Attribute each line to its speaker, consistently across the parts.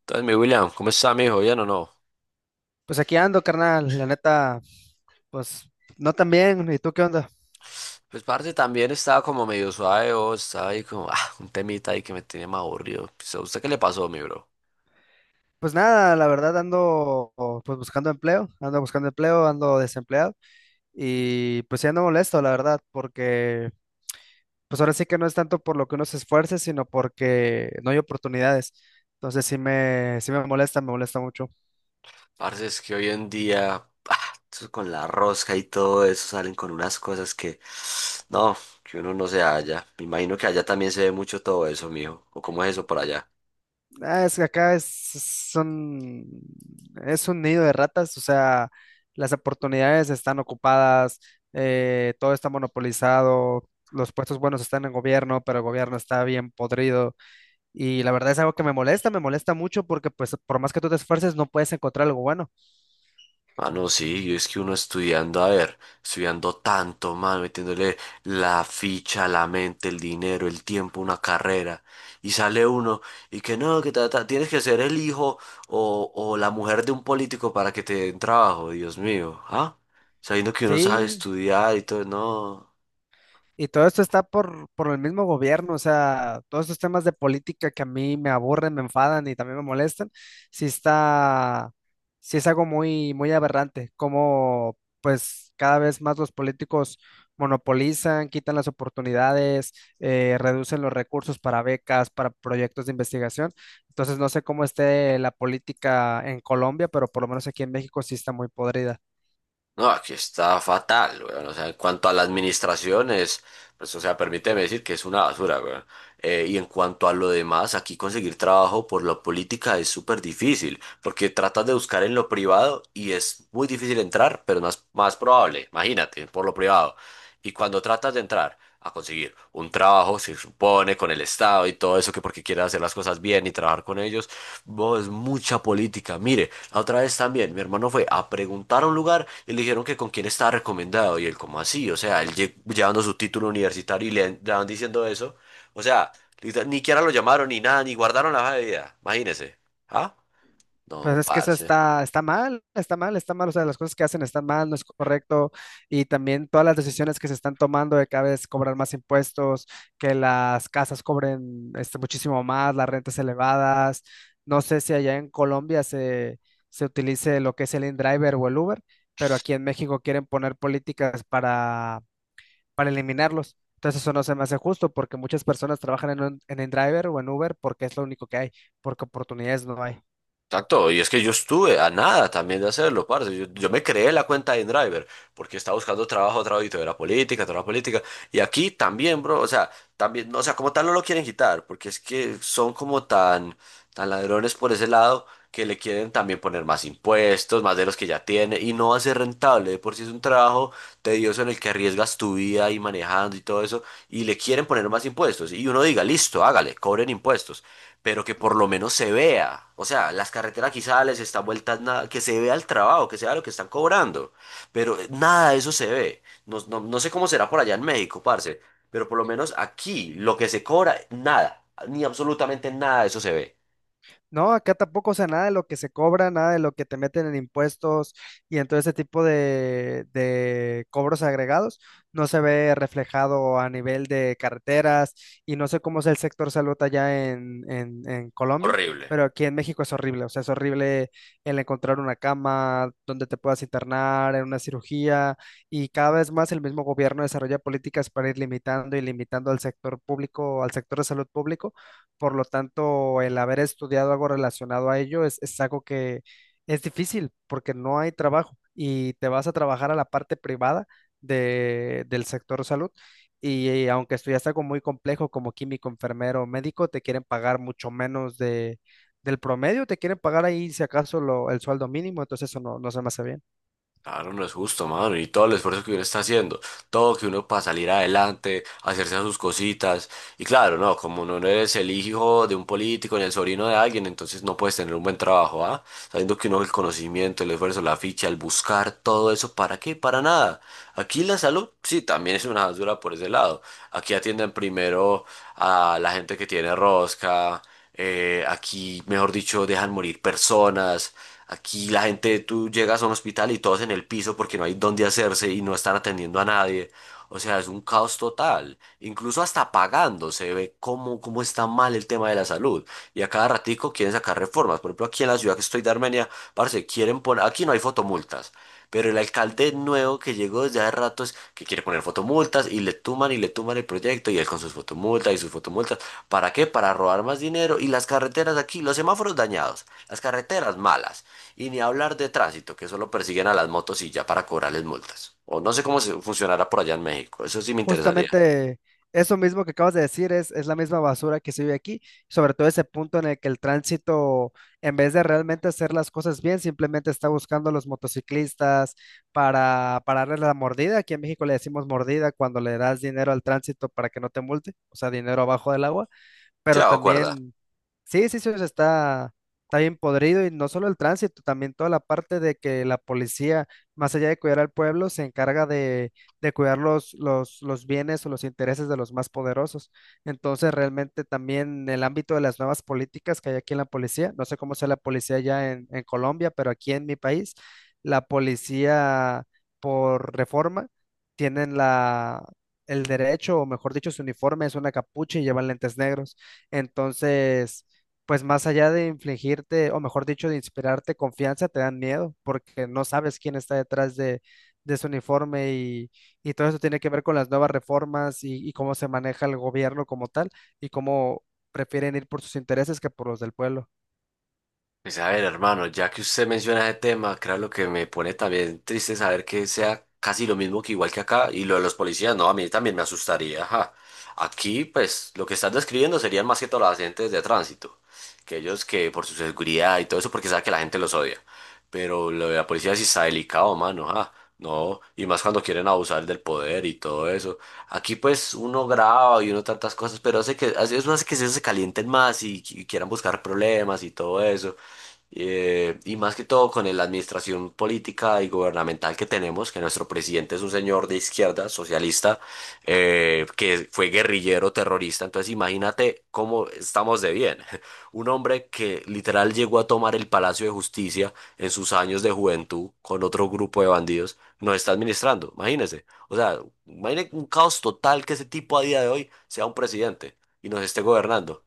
Speaker 1: Entonces, mi William, ¿cómo está, mijo? ¿Bien o no?
Speaker 2: Pues aquí ando, carnal, la neta, pues no tan bien. ¿Y tú qué onda?
Speaker 1: Pues, parce, también estaba como medio suave, o estaba ahí como, un temita ahí que me tenía más aburrido. Pues, ¿a usted qué le pasó, mi bro?
Speaker 2: Pues nada, la verdad ando pues buscando empleo, ando desempleado y pues sí ando molesto, la verdad, porque pues ahora sí que no es tanto por lo que uno se esfuerce, sino porque no hay oportunidades. Entonces sí me molesta, me molesta mucho.
Speaker 1: Parce, es que hoy en día, eso con la rosca y todo eso salen con unas cosas que, no, que uno no se halla. Me imagino que allá también se ve mucho todo eso, mijo. ¿O cómo es eso por allá?
Speaker 2: Ah, es que acá es, son, es un nido de ratas. O sea, las oportunidades están ocupadas, todo está monopolizado, los puestos buenos están en gobierno, pero el gobierno está bien podrido. Y la verdad es algo que me molesta mucho porque pues por más que tú te esfuerces no puedes encontrar algo bueno.
Speaker 1: Mano, sí, y es que uno estudiando, a ver, estudiando tanto, mano, metiéndole la ficha, la mente, el dinero, el tiempo, una carrera, y sale uno y que no, que tienes que ser el hijo o la mujer de un político para que te den trabajo, Dios mío, ¿ah? Sabiendo que uno sabe
Speaker 2: Sí,
Speaker 1: estudiar y todo, no.
Speaker 2: y todo esto está por el mismo gobierno, o sea, todos estos temas de política que a mí me aburren, me enfadan y también me molestan, sí está, sí es algo muy, muy aberrante, como pues cada vez más los políticos monopolizan, quitan las oportunidades, reducen los recursos para becas, para proyectos de investigación. Entonces no sé cómo esté la política en Colombia, pero por lo menos aquí en México sí está muy podrida.
Speaker 1: No, aquí está fatal, weón. O sea, en cuanto a la administración es, pues, o sea, permíteme decir que es una basura, weón. Y en cuanto a lo demás, aquí conseguir trabajo por la política es súper difícil, porque tratas de buscar en lo privado y es muy difícil entrar, pero más, más probable, imagínate, por lo privado. Y cuando tratas de entrar a conseguir un trabajo, se supone, con el Estado y todo eso, que porque quieres hacer las cosas bien y trabajar con ellos, vos, es mucha política. Mire. La otra vez también, mi hermano fue a preguntar a un lugar y le dijeron que con quién estaba recomendado. Y él, como así? O sea, él llevando su título universitario y le diciendo eso. O sea, literal, ni siquiera lo llamaron ni nada, ni guardaron la hoja de vida. Imagínese. ¿Ah? No,
Speaker 2: Pues es que eso
Speaker 1: parce.
Speaker 2: está, está mal, está mal, está mal. O sea, las cosas que hacen están mal, no es correcto. Y también todas las decisiones que se están tomando de cada vez cobrar más impuestos, que las casas cobren este, muchísimo más, las rentas elevadas. No sé si allá en Colombia se utilice lo que es el InDriver o el Uber, pero aquí en México quieren poner políticas para eliminarlos. Entonces eso no se me hace justo porque muchas personas trabajan en, en InDriver o en Uber porque es lo único que hay, porque oportunidades no hay.
Speaker 1: Exacto, y es que yo estuve a nada también de hacerlo, parce. Yo me creé la cuenta de InDriver porque estaba buscando trabajo, trabajito y todo era política, toda la política. Y aquí también, bro, o sea, también, no, o sea, como tal no lo quieren quitar porque es que son como tan, tan ladrones por ese lado que le quieren también poner más impuestos, más de los que ya tiene y no va a ser rentable. De por si es un trabajo tedioso en el que arriesgas tu vida y manejando y todo eso y le quieren poner más impuestos. Y uno diga, listo, hágale, cobren impuestos, pero que por lo menos se vea. O sea, las carreteras quizás están vueltas nada, que se vea el trabajo, que se vea lo que están cobrando, pero nada de eso se ve. No, no, no sé cómo será por allá en México, parce, pero por lo menos aquí lo que se cobra, nada, ni absolutamente nada de eso se ve.
Speaker 2: No, acá tampoco. O sea, nada de lo que se cobra, nada de lo que te meten en impuestos y en todo ese tipo de cobros agregados, no se ve reflejado a nivel de carreteras. Y no sé cómo es el sector salud allá en Colombia,
Speaker 1: Horrible.
Speaker 2: pero aquí en México es horrible. O sea, es horrible el encontrar una cama donde te puedas internar, en una cirugía, y cada vez más el mismo gobierno desarrolla políticas para ir limitando y limitando al sector público, al sector de salud público. Por lo tanto, el haber estudiado algo relacionado a ello es algo que es difícil porque no hay trabajo y te vas a trabajar a la parte privada del sector salud. Y, aunque estudias algo muy complejo como químico, enfermero, médico, te quieren pagar mucho menos de, del promedio, te quieren pagar ahí si acaso el sueldo mínimo. Entonces eso no, no se me hace bien.
Speaker 1: Claro, no es justo, mano. Y todo el esfuerzo que uno está haciendo, todo que uno para salir adelante, hacerse sus cositas. Y claro, no, como no eres el hijo de un político ni el sobrino de alguien, entonces no puedes tener un buen trabajo, ¿ah? Sabiendo que uno el conocimiento, el esfuerzo, la ficha, el buscar, todo eso, ¿para qué? Para nada. Aquí la salud, sí, también es una basura por ese lado. Aquí atienden primero a la gente que tiene rosca, aquí, mejor dicho, dejan morir personas, aquí la gente, tú llegas a un hospital y todos en el piso porque no hay dónde hacerse y no están atendiendo a nadie. O sea, es un caos total. Incluso hasta pagando se ve cómo, cómo está mal el tema de la salud. Y a cada ratico quieren sacar reformas. Por ejemplo, aquí en la ciudad que estoy de Armenia, parce, quieren poner, aquí no hay fotomultas. Pero el alcalde nuevo que llegó desde hace ratos que quiere poner fotomultas y le tuman el proyecto y él con sus fotomultas y sus fotomultas. ¿Para qué? Para robar más dinero y las carreteras aquí, los semáforos dañados, las carreteras malas y ni hablar de tránsito que solo persiguen a las motos y ya para cobrarles multas. O no sé cómo funcionará por allá en México, eso sí me interesaría.
Speaker 2: Justamente eso mismo que acabas de decir es la misma basura que se vive aquí, sobre todo ese punto en el que el tránsito, en vez de realmente hacer las cosas bien, simplemente está buscando a los motociclistas para darle la mordida. Aquí en México le decimos mordida cuando le das dinero al tránsito para que no te multe, o sea, dinero abajo del agua, pero
Speaker 1: Chao acuerda.
Speaker 2: también... Sí, sí, sí, o sea, está, está bien podrido, y no solo el tránsito, también toda la parte de que la policía, más allá de cuidar al pueblo, se encarga de cuidar los bienes o los intereses de los más poderosos. Entonces, realmente también en el ámbito de las nuevas políticas que hay aquí en la policía, no sé cómo sea la policía ya en Colombia, pero aquí en mi país, la policía por reforma tienen la... el derecho, o mejor dicho, su uniforme es una capucha y llevan lentes negros. Entonces, pues más allá de infligirte, o mejor dicho, de inspirarte confianza, te dan miedo porque no sabes quién está detrás de ese uniforme, y todo eso tiene que ver con las nuevas reformas y cómo se maneja el gobierno como tal, y cómo prefieren ir por sus intereses que por los del pueblo.
Speaker 1: Pues a ver, hermano, ya que usted menciona ese tema, claro, lo que me pone también triste es saber que sea casi lo mismo que igual que acá y lo de los policías, no, a mí también me asustaría, ajá. Aquí, pues, lo que estás describiendo serían más que todo los agentes de tránsito, que ellos que por su seguridad y todo eso, porque sabe que la gente los odia. Pero lo de la policía sí está delicado, mano, ajá. No, y más cuando quieren abusar del poder y todo eso. Aquí pues uno graba y uno tantas cosas, pero hace que, eso hace que se calienten más y quieran buscar problemas y todo eso. Y más que todo con la administración política y gubernamental que tenemos, que nuestro presidente es un señor de izquierda, socialista, que fue guerrillero terrorista. Entonces imagínate cómo estamos de bien. Un hombre que literal llegó a tomar el Palacio de Justicia en sus años de juventud con otro grupo de bandidos, nos está administrando. Imagínese. O sea, imagínese un caos total que ese tipo a día de hoy sea un presidente y nos esté gobernando.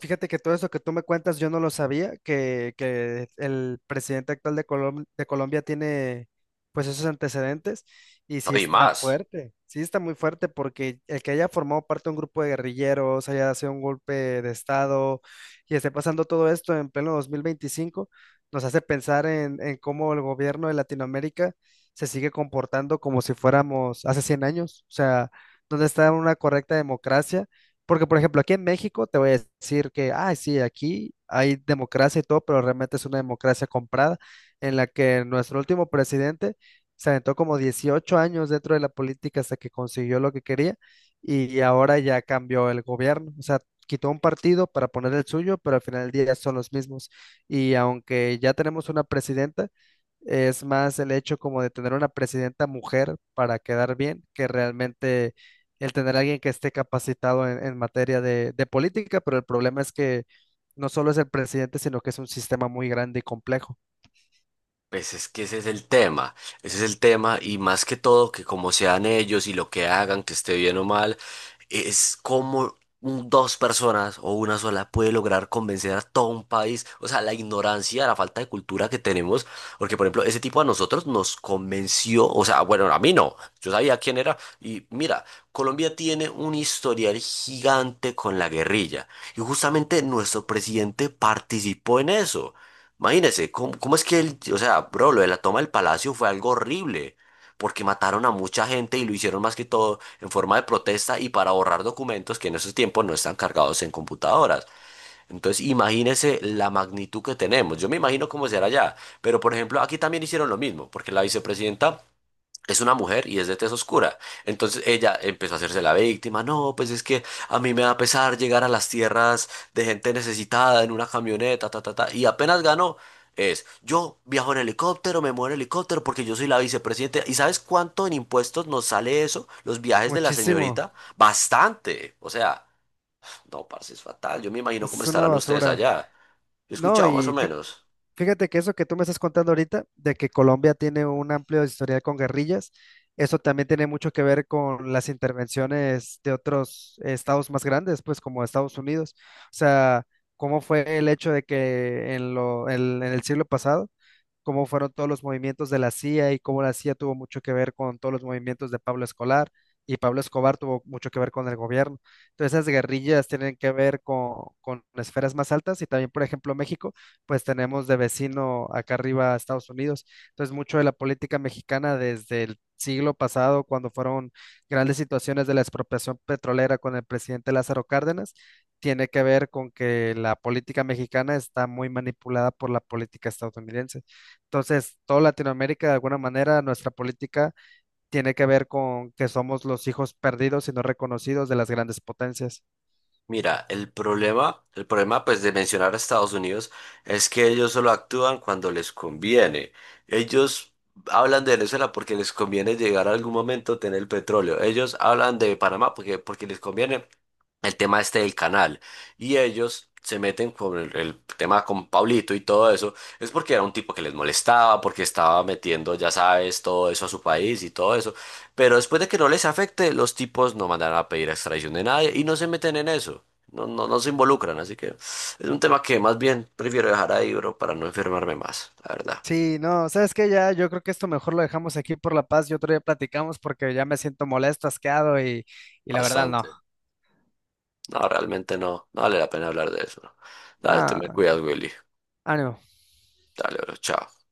Speaker 2: Fíjate que todo eso que tú me cuentas, yo no lo sabía, que el presidente actual de de Colombia tiene pues esos antecedentes, y
Speaker 1: No,
Speaker 2: sí
Speaker 1: y
Speaker 2: está
Speaker 1: más.
Speaker 2: fuerte, sí está muy fuerte porque el que haya formado parte de un grupo de guerrilleros, haya sido un golpe de estado y esté pasando todo esto en pleno 2025 nos hace pensar en cómo el gobierno de Latinoamérica se sigue comportando como si fuéramos hace 100 años. O sea, dónde está una correcta democracia, porque, por ejemplo, aquí en México te voy a decir que, ah, sí, aquí hay democracia y todo, pero realmente es una democracia comprada en la que nuestro último presidente se aventó como 18 años dentro de la política hasta que consiguió lo que quería y ahora ya cambió el gobierno. O sea, quitó un partido para poner el suyo, pero al final del día son los mismos. Y aunque ya tenemos una presidenta, es más el hecho como de tener una presidenta mujer para quedar bien que realmente el tener a alguien que esté capacitado en materia de política, pero el problema es que no solo es el presidente, sino que es un sistema muy grande y complejo.
Speaker 1: Pues es que ese es el tema, ese es el tema y más que todo que como sean ellos y lo que hagan, que esté bien o mal, es como dos personas o una sola puede lograr convencer a todo un país, o sea, la ignorancia, la falta de cultura que tenemos, porque por ejemplo, ese tipo a nosotros nos convenció, o sea, bueno, a mí no, yo sabía quién era y mira, Colombia tiene un historial gigante con la guerrilla y justamente nuestro presidente participó en eso. Imagínese, ¿cómo, cómo es que él, o sea, bro, lo de la toma del palacio fue algo horrible, porque mataron a mucha gente y lo hicieron más que todo en forma de protesta y para borrar documentos que en esos tiempos no están cargados en computadoras. Entonces, imagínese la magnitud que tenemos. Yo me imagino cómo será allá, pero por ejemplo, aquí también hicieron lo mismo, porque la vicepresidenta es una mujer y es de tez oscura. Entonces ella empezó a hacerse la víctima. No, pues es que a mí me da pesar llegar a las tierras de gente necesitada en una camioneta, ta, ta, ta. Y apenas ganó, es yo viajo en helicóptero, me muevo en helicóptero porque yo soy la vicepresidenta. ¿Y sabes cuánto en impuestos nos sale eso? Los viajes de la
Speaker 2: Muchísimo.
Speaker 1: señorita. Bastante. O sea, no, parce, es fatal. Yo me imagino cómo
Speaker 2: Es una
Speaker 1: estarán ustedes
Speaker 2: basura.
Speaker 1: allá. Yo he
Speaker 2: No,
Speaker 1: escuchado más o
Speaker 2: y
Speaker 1: menos.
Speaker 2: fíjate que eso que tú me estás contando ahorita, de que Colombia tiene un amplio historial con guerrillas, eso también tiene mucho que ver con las intervenciones de otros estados más grandes, pues como Estados Unidos. O sea, cómo fue el hecho de que en lo, en el siglo pasado cómo fueron todos los movimientos de la CIA y cómo la CIA tuvo mucho que ver con todos los movimientos de Pablo Escolar, y Pablo Escobar tuvo mucho que ver con el gobierno. Entonces esas guerrillas tienen que ver con esferas más altas, y también, por ejemplo, México, pues tenemos de vecino acá arriba a Estados Unidos. Entonces mucho de la política mexicana desde el siglo pasado, cuando fueron grandes situaciones de la expropiación petrolera con el presidente Lázaro Cárdenas, tiene que ver con que la política mexicana está muy manipulada por la política estadounidense. Entonces, toda Latinoamérica, de alguna manera, nuestra política tiene que ver con que somos los hijos perdidos y no reconocidos de las grandes potencias.
Speaker 1: Mira, el problema pues de mencionar a Estados Unidos es que ellos solo actúan cuando les conviene. Ellos hablan de Venezuela porque les conviene llegar a algún momento a tener el petróleo. Ellos hablan de Panamá porque, porque les conviene el tema este del canal. Y ellos se meten con el tema con Pablito y todo eso. Es porque era un tipo que les molestaba, porque estaba metiendo, ya sabes, todo eso a su país y todo eso. Pero después de que no les afecte, los tipos no mandan a pedir extradición de nadie y no se meten en eso. No, no, no se involucran, así que es un tema que más bien prefiero dejar ahí, bro, para no enfermarme más, la verdad.
Speaker 2: Sí, no, sabes que ya yo creo que esto mejor lo dejamos aquí por la paz y otro día platicamos porque ya me siento molesto, asqueado y la verdad no.
Speaker 1: Bastante. No, realmente no, no vale la pena hablar de eso, bro. Dale, te
Speaker 2: Ah,
Speaker 1: me cuidas, Willy.
Speaker 2: ánimo.
Speaker 1: Dale, bro, chao.